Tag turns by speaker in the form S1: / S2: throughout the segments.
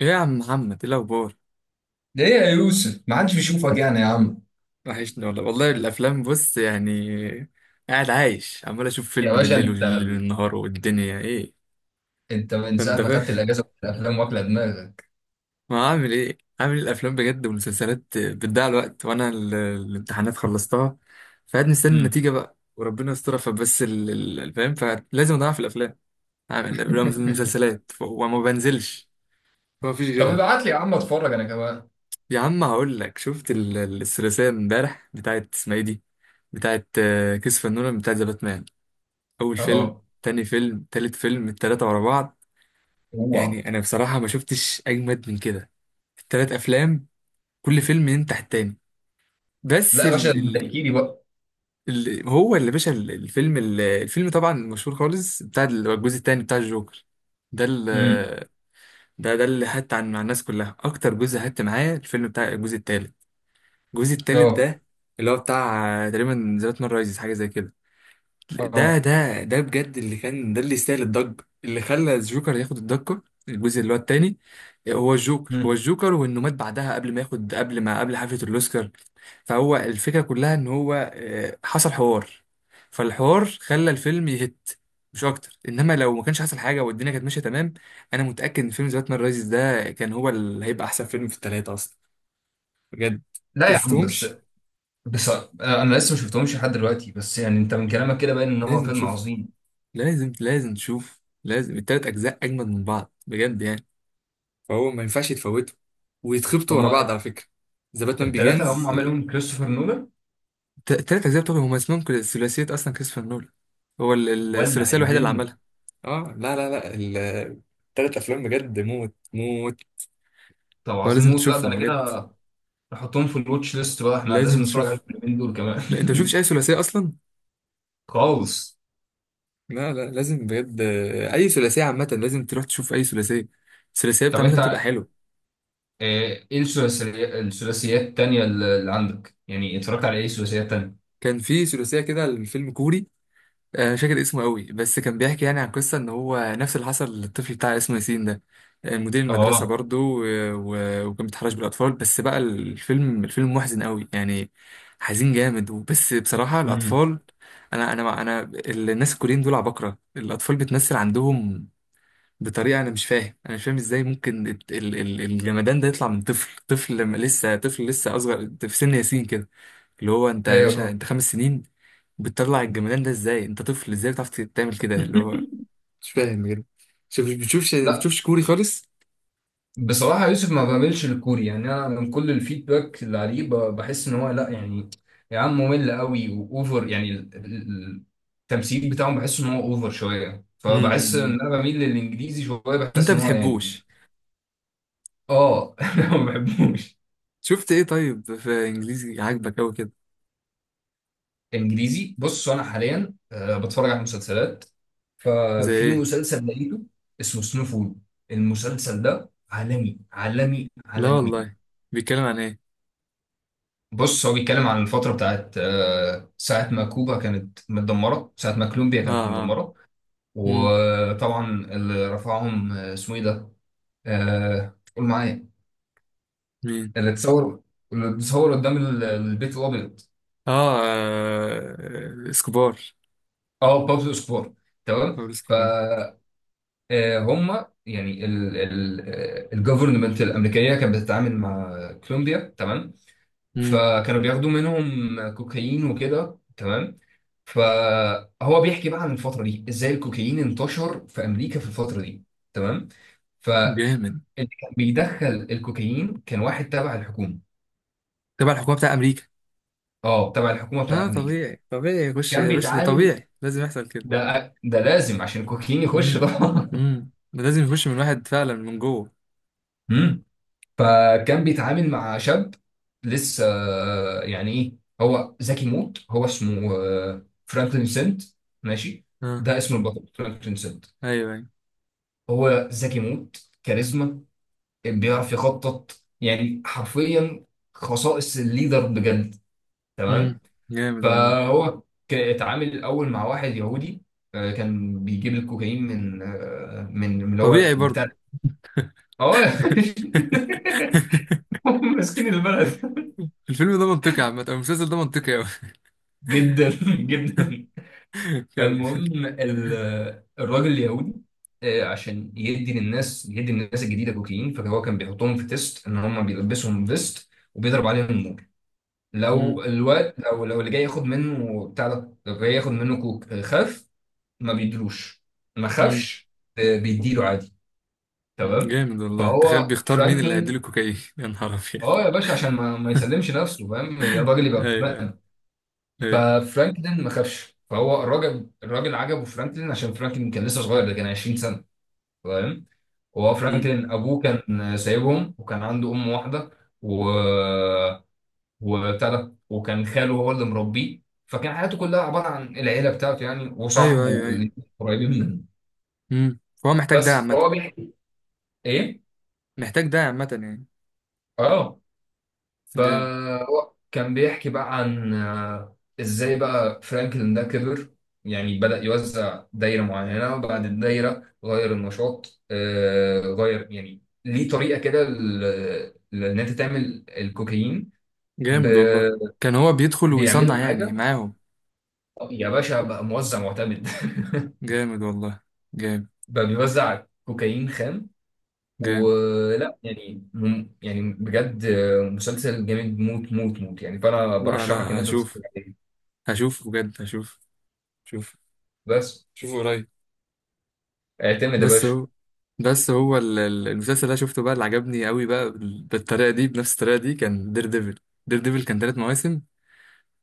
S1: ايه يا عم محمد؟ ايه الاخبار؟
S2: ليه يا يوسف ما حدش بيشوفك يعني يا عم؟
S1: وحشني والله والله. الافلام بص يعني، قاعد عايش عمال اشوف
S2: يا
S1: فيلم
S2: باشا
S1: بالليل
S2: انت
S1: والنهار والدنيا ايه.
S2: انت من ساعه
S1: انت
S2: ما
S1: فاهم
S2: خدت الاجازه في الافلام واكله دماغك.
S1: ما عامل ايه؟ عامل الافلام بجد والمسلسلات بتضيع الوقت، وانا الامتحانات خلصتها، فقاعد مستني
S2: امم.
S1: النتيجة بقى وربنا يسترها. فبس الفهم فلازم اضيع في الافلام، عامل الافلام المسلسلات وما بنزلش، فما فيش
S2: طب
S1: غيرها.
S2: ابعت لي يا عم، اتفرج انا كمان.
S1: يا عم هقول لك، شفت الثلاثية امبارح بتاعت اسمها ايه دي، بتاعت كيس فنون بتاعت ذا باتمان؟ اول فيلم،
S2: اه.
S1: تاني فيلم، تالت فيلم، التلاتة ورا بعض.
S2: اوعى.
S1: يعني انا بصراحة ما شفتش اجمد من كده. التلات افلام كل فيلم ينتح التاني.
S2: لا
S1: بس
S2: يا باشا، انت احكي لي بقى.
S1: هو اللي باشا الفيلم، الفيلم طبعا مشهور خالص بتاع الجزء التاني بتاع الجوكر. ده
S2: امم.
S1: ده ده اللي حت عن مع الناس كلها اكتر جزء حت معاه، الفيلم بتاع الجزء التالت. الجزء التالت
S2: اه.
S1: ده اللي هو بتاع تقريبا ذا نايت رايزز، حاجة زي كده. ده
S2: اه.
S1: ده ده بجد اللي كان ده اللي يستاهل الضجة اللي خلى الجوكر ياخد الضجة، الجزء اللي هو التاني. هو الجوكر هو
S2: امم.
S1: الجوكر، وانه مات بعدها قبل ما ياخد، قبل ما، قبل حفلة الاوسكار. فهو الفكرة كلها ان هو حصل حوار، فالحوار خلى الفيلم يهت مش اكتر. انما لو ما كانش حصل حاجة والدنيا كانت ماشية تمام، انا متأكد ان فيلم ذا باتمان رايزز ده كان هو اللي هيبقى احسن فيلم في التلاتة اصلا، بجد. انت
S2: لا يا عم بس،
S1: مشفتهمش؟
S2: بس انا لسه ما شفتهمش لحد دلوقتي، بس يعني انت من كلامك كده باين ان هو
S1: لازم
S2: فيلم
S1: تشوف،
S2: عظيم.
S1: لازم لازم تشوف، لازم. التلات اجزاء اجمد من بعض بجد يعني، فهو ما ينفعش يتفوته. ويتخبطوا ورا
S2: هما
S1: بعض على فكرة، ذا باتمان
S2: الثلاثه اللي هم
S1: بيجينز.
S2: عملهم كريستوفر نولان.
S1: تلات أجزاء بتوعهم هما اسمهم كده ثلاثية أصلا، كريستوفر نولان. هو
S2: ولع
S1: الثلاثية الوحيدة اللي
S2: الدنيا.
S1: عملها. اه، لا لا لا، التلات افلام بجد موت موت.
S2: طب،
S1: هو
S2: عظيم
S1: لازم
S2: موت، لا ده
S1: تشوفهم
S2: انا
S1: بجد،
S2: كده احطهم في الواتش ليست بقى، احنا
S1: لازم
S2: لازم نتفرج على
S1: تشوفهم.
S2: الفيلمين دول
S1: لا أنت مشوفش
S2: كمان.
S1: أي ثلاثية أصلا.
S2: خالص.
S1: لا لا، لازم بجد. اي ثلاثيه عامه لازم تروح تشوف اي ثلاثيه. الثلاثيه بتاع
S2: طب
S1: عامه بتبقى
S2: انت،
S1: حلوه.
S2: ايه الثلاثيات التانية اللي عندك، يعني اتفرجت على ايه ثلاثيات تانية؟
S1: كان في ثلاثيه كده، الفيلم كوري. مش فاكر اسمه قوي، بس كان بيحكي يعني عن قصة ان هو نفس اللي حصل للطفل بتاع اسمه ياسين ده، مدير المدرسة
S2: اه.
S1: برضو. و- وكان بيتحرش بالأطفال، بس بقى الفيلم محزن قوي يعني، حزين جامد. وبس بصراحة
S2: امم.
S1: الأطفال، أنا الناس الكوريين دول عباقرة، الأطفال بتمثل عندهم بطريقة أنا مش فاهم، أنا مش فاهم إزاي ممكن الجمدان ده يطلع من طفل، طفل لما لسه طفل، لسه أصغر في سن ياسين كده، اللي هو انت يا
S2: ايوه
S1: باشا،
S2: فاهم.
S1: انت خمس سنين. بتطلع الجمدان ده ازاي؟ انت طفل ازاي بتعرف تعمل كده اللي هو؟ مش فاهم بجد. شوف، بتشوفش
S2: لا،
S1: بتشوفش كوري خالص؟
S2: بصراحة يوسف ما بعملش الكوري، يعني أنا من كل الفيدباك اللي عليه بحس إن هو لا يعني. يا عم ممل قوي وأوفر، يعني التمثيل بتاعهم بحس إن هو أوفر شوية، فبحس
S1: امم،
S2: إن أنا بميل للإنجليزي شوية،
S1: انت
S2: بحس إن هو يعني.
S1: بتحبوش.
S2: آه. أنا ما بحبوش.
S1: شفت ايه طيب في انجليزي عاجبك قوي كده؟
S2: انجليزي، بص انا حاليا بتفرج على مسلسلات،
S1: زي
S2: ففي
S1: ايه؟
S2: مسلسل لقيته اسمه سنوفول. المسلسل ده عالمي عالمي
S1: لا
S2: عالمي.
S1: والله، بيتكلم عن ايه؟
S2: بص، هو بيتكلم عن الفترة بتاعت ساعة ما كوبا كانت متدمرة، ساعة ما كولومبيا
S1: اه،
S2: كانت
S1: اه،
S2: متدمرة.
S1: امم،
S2: وطبعا اللي رفعهم اسمه ايه ده؟ قول معايا.
S1: مين؟
S2: اللي اتصور، اللي اتصور قدام البيت الابيض.
S1: اه، اسكوبار،
S2: اه، بابلو اسكوبار. تمام.
S1: بابلو اسكوبار.
S2: هم يعني الجفرمنت الامريكيه كانت بتتعامل مع كولومبيا. تمام.
S1: امم،
S2: فكانوا بياخدوا منهم كوكايين وكده. تمام. فهو بيحكي بقى عن الفتره دي، ازاي الكوكايين انتشر في امريكا في الفتره دي. تمام. فاللي
S1: جامد.
S2: كان بيدخل الكوكايين كان واحد تبع الحكومه.
S1: تبع الحكومه بتاع امريكا.
S2: اه، تبع الحكومه بتاع
S1: اه
S2: امريكا.
S1: طبيعي طبيعي، يخش
S2: كان
S1: يا باشا، ده
S2: بيتعامل.
S1: طبيعي لازم يحصل كده.
S2: ده لازم عشان الكوكايين يخش
S1: امم،
S2: طبعا.
S1: امم، ده لازم يخش من الواحد فعلا من جوه.
S2: فكان بيتعامل مع شاب لسه، يعني ايه، هو ذكي موت، هو اسمه فرانكلين سنت. ماشي.
S1: اه،
S2: ده اسم البطل فرانكلين سنت.
S1: ايوه ايوه.
S2: هو ذكي موت، كاريزما، بيعرف يخطط، يعني حرفيا خصائص الليدر بجد. تمام.
S1: امم، جامد والله.
S2: فهو اتعامل الاول مع واحد يهودي، كان بيجيب الكوكايين من من اللي هو
S1: طبيعي برضه.
S2: بتاع. اه. هم ماسكين البلد.
S1: الفيلم ده منطقي عامة، أو المسلسل ده منطقي أوي.
S2: جدا. جدا.
S1: كمل.
S2: فالمهم، ال- الراجل اليهودي، عشان يدي للناس، يدي للناس الجديده كوكايين، فهو كان بيحطهم في تيست، ان هم بيلبسهم فيست وبيضرب عليهم النور.
S1: امم،
S2: لو الوقت لو لو اللي جاي ياخد منه بتاع ده، لو جاي ياخد منه كوك خاف، ما بيدلوش. ما
S1: امم،
S2: خافش، بيديله عادي. تمام.
S1: جامد والله. تخيل
S2: فهو
S1: بيختار مين اللي هيديله
S2: فرانكلين،
S1: كوكايين. يا نهار أبيض.
S2: اه يا باشا، عشان ما يسلمش نفسه، فاهم يا الراجل،
S1: أيوه
S2: يبقى
S1: أيوه أيوه.
S2: ففرانكلين ما خافش، فهو الراجل عجبه فرانكلين، عشان فرانكلين كان لسه صغير، ده كان 20 سنه. فاهم؟ وهو
S1: امم.
S2: فرانكلين ابوه كان سايبهم، وكان عنده ام واحده، و وبتاع ده، وكان خاله هو اللي مربيه. فكان حياته كلها عباره عن العيله بتاعته يعني،
S1: أيوه أيوه
S2: وصاحبه
S1: أيوه.
S2: اللي قريبين منه.
S1: امم، فهو محتاج ده
S2: بس
S1: عامة.
S2: هو بيحكي. ايه.
S1: محتاج ده عامة يعني.
S2: اه.
S1: جامد.
S2: فهو كان بيحكي بقى عن ازاي بقى فرانكلين ده كبر، يعني بدأ يوزع دايرة معينة، وبعد الدايرة غير النشاط غير يعني ليه طريقة كده لأن أنت تعمل الكوكايين.
S1: جامد
S2: ب-
S1: والله. كان هو بيدخل ويصنع
S2: بيعملوا
S1: يعني
S2: حاجة،
S1: معاهم؟
S2: يا باشا بقى موزع معتمد.
S1: جامد والله، جامد.
S2: بقى بيوزع كوكايين خام.
S1: جامد
S2: ولا يعني يعني بجد مسلسل جامد موت موت موت، يعني فأنا
S1: لا
S2: برشحك إن
S1: لا،
S2: أنت
S1: هشوف،
S2: تتفرج عليه.
S1: هشوف بجد، هشوف. شوف،
S2: بس
S1: شوفه قريب.
S2: اعتمد يا
S1: بس
S2: باشا.
S1: هو، بس هو المسلسل اللي أنا شفته بقى اللي عجبني قوي بقى بالطريقه دي، بنفس الطريقه دي، كان دير ديفل. دير ديفل كان ثلاث مواسم.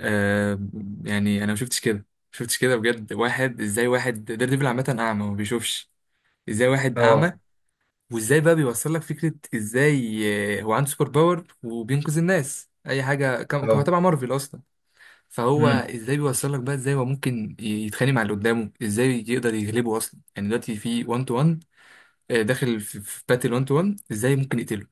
S1: آه. يعني انا ما شفتش كده، ما شفتش كده بجد. واحد ازاي، واحد دير ديفل عامه اعمى ما بيشوفش، ازاي واحد اعمى
S2: اه.
S1: وازاي بقى بيوصل لك فكره ازاي؟ هو عنده سوبر باور وبينقذ الناس اي حاجه، كان كان
S2: اه.
S1: تبع مارفل اصلا. فهو
S2: امم.
S1: ازاي بيوصل لك بقى، ازاي هو ممكن يتخانق مع اللي قدامه، ازاي يقدر يغلبه اصلا، يعني دلوقتي في 1 تو 1 داخل في باتل 1 تو 1، ازاي ممكن يقتله؟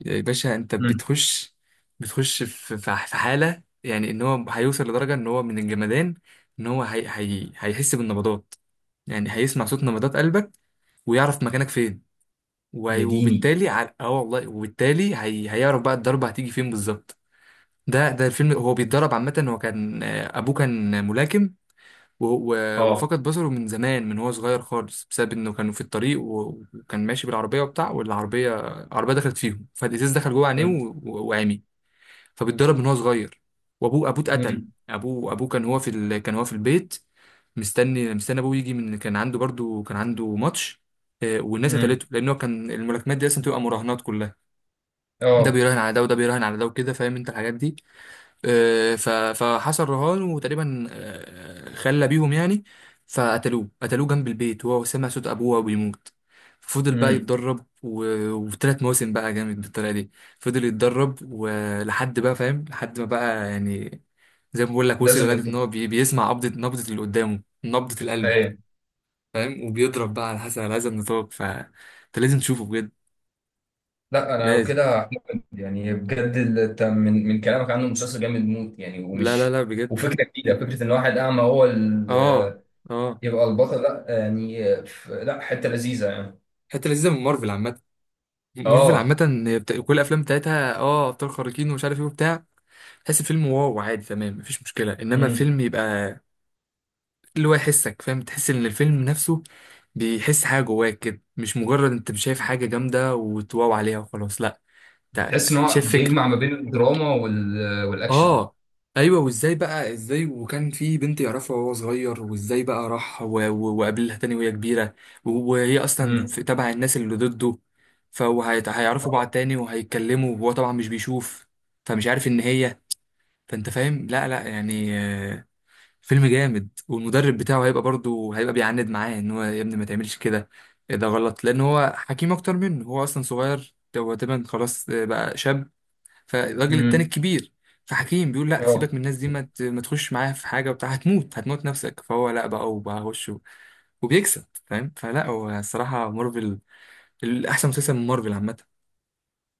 S1: يا باشا، انت
S2: امم.
S1: بتخش، بتخش في في حالة يعني ان هو هيوصل لدرجة ان هو من الجمدان، ان هو هي هي هيحس بالنبضات، يعني هيسمع صوت نبضات قلبك ويعرف مكانك فين.
S2: يا ديني.
S1: وبالتالي، اه والله، وبالتالي هيعرف بقى الضربة هتيجي فين بالظبط. ده ده الفيلم، هو بيتدرب عامة. هو كان أبوه كان ملاكم. و-
S2: اه.
S1: وفقد بصره من زمان، من هو صغير خالص، بسبب انه كانوا في الطريق وكان ماشي بالعربيه وبتاع، والعربيه، العربيه دخلت فيهم، فالازاز دخل جوه عينيه
S2: امم.
S1: وعمي. فبيتضرب من هو صغير، وابوه اتقتل.
S2: امم.
S1: ابوه كان هو في كان هو في البيت، مستني ابوه يجي، من كان عنده برضو كان عنده ماتش. والناس
S2: امم.
S1: قتلته، لان هو كان الملاكمات دي اصلا تبقى مراهنات كلها. ده
S2: اه.
S1: بيراهن على ده وده بيراهن على ده وكده، فاهم انت الحاجات دي. آه، ف- فحصل رهان، وتقريبا خلى بيهم يعني. فقتلوه، قتلوه جنب البيت، وهو سمع صوت ابوه وهو بيموت. فضل بقى
S2: امم.
S1: يتدرب وثلاث مواسم بقى جامد بالطريقه دي. فضل يتدرب ولحد بقى فاهم، لحد ما بقى يعني، زي ما بقول لك، وصل
S2: لازم
S1: لدرجه ان
S2: ينطق.
S1: هو بيسمع نبضه اللي قدامه، نبضه القلب،
S2: ايوه.
S1: فاهم، وبيضرب بقى على حسب، على هذا النطاق. فانت لازم تشوفه بجد،
S2: لا انا لو
S1: لازم.
S2: كده هحمد، يعني بجد انت من كلامك عنه مسلسل جامد موت، يعني
S1: لا لا
S2: ومش
S1: لا بجد.
S2: وفكره جديده، فكره ان واحد اعمى هو
S1: اه، اه.
S2: يبقى البطل، لا يعني لا حته لذيذه يعني.
S1: حته لذيذه من مارفل عامه، مارفل
S2: اه.
S1: عامة. هي كل الأفلام بتاعتها اه أبطال خارقين ومش عارف ايه وبتاع، تحس الفيلم واو عادي تمام، مفيش مشكلة. إنما
S2: امم.
S1: فيلم يبقى اللي هو يحسك، فاهم، تحس إن الفيلم نفسه بيحس حاجة جواك كده، مش مجرد أنت مش شايف حاجة جامدة وتواو عليها وخلاص، لأ، أنت
S2: تحس ان هو
S1: شايف فكرة.
S2: بيجمع ما بين الدراما والاكشن.
S1: اه، ايوه. وازاي بقى ازاي، وكان في بنت يعرفها وهو صغير، وازاي بقى راح وقابلها تاني وهي كبيره، وهي اصلا
S2: امم.
S1: في تبع الناس اللي ضده، فهيعرفوا بعض تاني وهيتكلموا وهو طبعا مش بيشوف، فمش عارف ان هي، فانت فاهم لا لا يعني. فيلم جامد. والمدرب بتاعه هيبقى برضه هيبقى بيعاند معاه ان هو يا ابني ما تعملش كده، إيه ده غلط، لان هو حكيم اكتر منه، هو اصلا صغير، هو تقريبا خلاص بقى شاب. فالراجل التاني
S2: امم.
S1: الكبير، فحكيم بيقول لا سيبك
S2: اه.
S1: من الناس دي، ما تخش معايا في حاجه وبتاع، هتموت هتموت نفسك. فهو لا بقى، وبخش وبيكسب، فاهم. فلا هو الصراحه مارفل الاحسن مسلسل من مارفل عامه،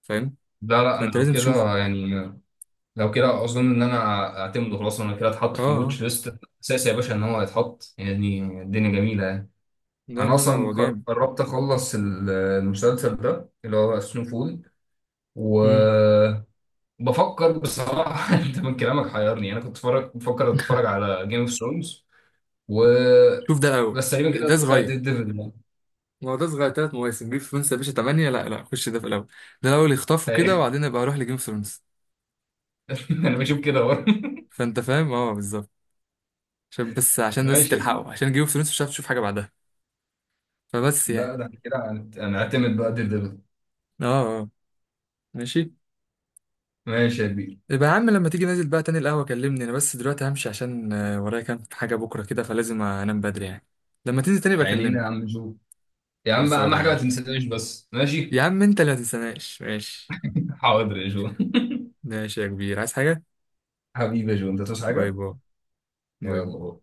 S1: فاهم.
S2: لا لا، انا
S1: فانت
S2: لو
S1: لازم تشوف.
S2: كده يعني، لو كده اظن ان انا اعتمده، خلاص انا كده اتحط
S1: اه،
S2: في
S1: اه.
S2: الواتش ليست اساسي يا باشا ان هو يتحط، يعني الدنيا جميله يعني.
S1: لا
S2: انا
S1: لا لا، هو
S2: اصلا
S1: جامد.
S2: قربت اخلص المسلسل ده اللي هو سنو فول،
S1: مم.
S2: وبفكر بصراحه. انت من كلامك حيرني، انا كنت بفكر اتفرج على جيم اوف ثرونز، و
S1: شوف ده الاول،
S2: بس تقريبا كده
S1: ده
S2: اتفرج على
S1: صغير.
S2: ديد ديفل.
S1: ما هو ده صغير، ثلاث مواسم. جيم اوف ثرونز يا باشا 8، لا لا، خش ده في الاول، ده الاول يخطفه كده، وبعدين ابقى اروح لجيم اوف ثرونز.
S2: انا بشوف كده برضه.
S1: فانت فاهم. اه، بالظبط، عشان بس، عشان بس
S2: ماشي يا
S1: تلحقه،
S2: كبير.
S1: عشان جيم اوف ثرونز مش هتعرف تشوف حاجه بعدها، فبس يعني.
S2: ده كده هنعتمد بقى ديد ديفل.
S1: اه، آه. ماشي.
S2: ماشي يا كبير.
S1: يبقى يا عم لما تيجي نازل بقى تاني القهوة كلمني، انا بس دلوقتي همشي عشان ورايا كام حاجة بكرة كده، فلازم انام بدري يعني. لما تنزل تاني
S2: عينينا يا
S1: بكلمك.
S2: عم جو. يا عم اهم
S1: خلصانة يا
S2: حاجه ما
S1: عم.
S2: تنسانيش بس، ماشي.
S1: يا عم انت اللي متنساناش، ماشي.
S2: حاضر يا جو.
S1: ماشي يا كبير، عايز حاجة؟
S2: حبيبي يا جو انت تصحى
S1: باي
S2: حاجه.
S1: باي. باي باي.
S2: يلا.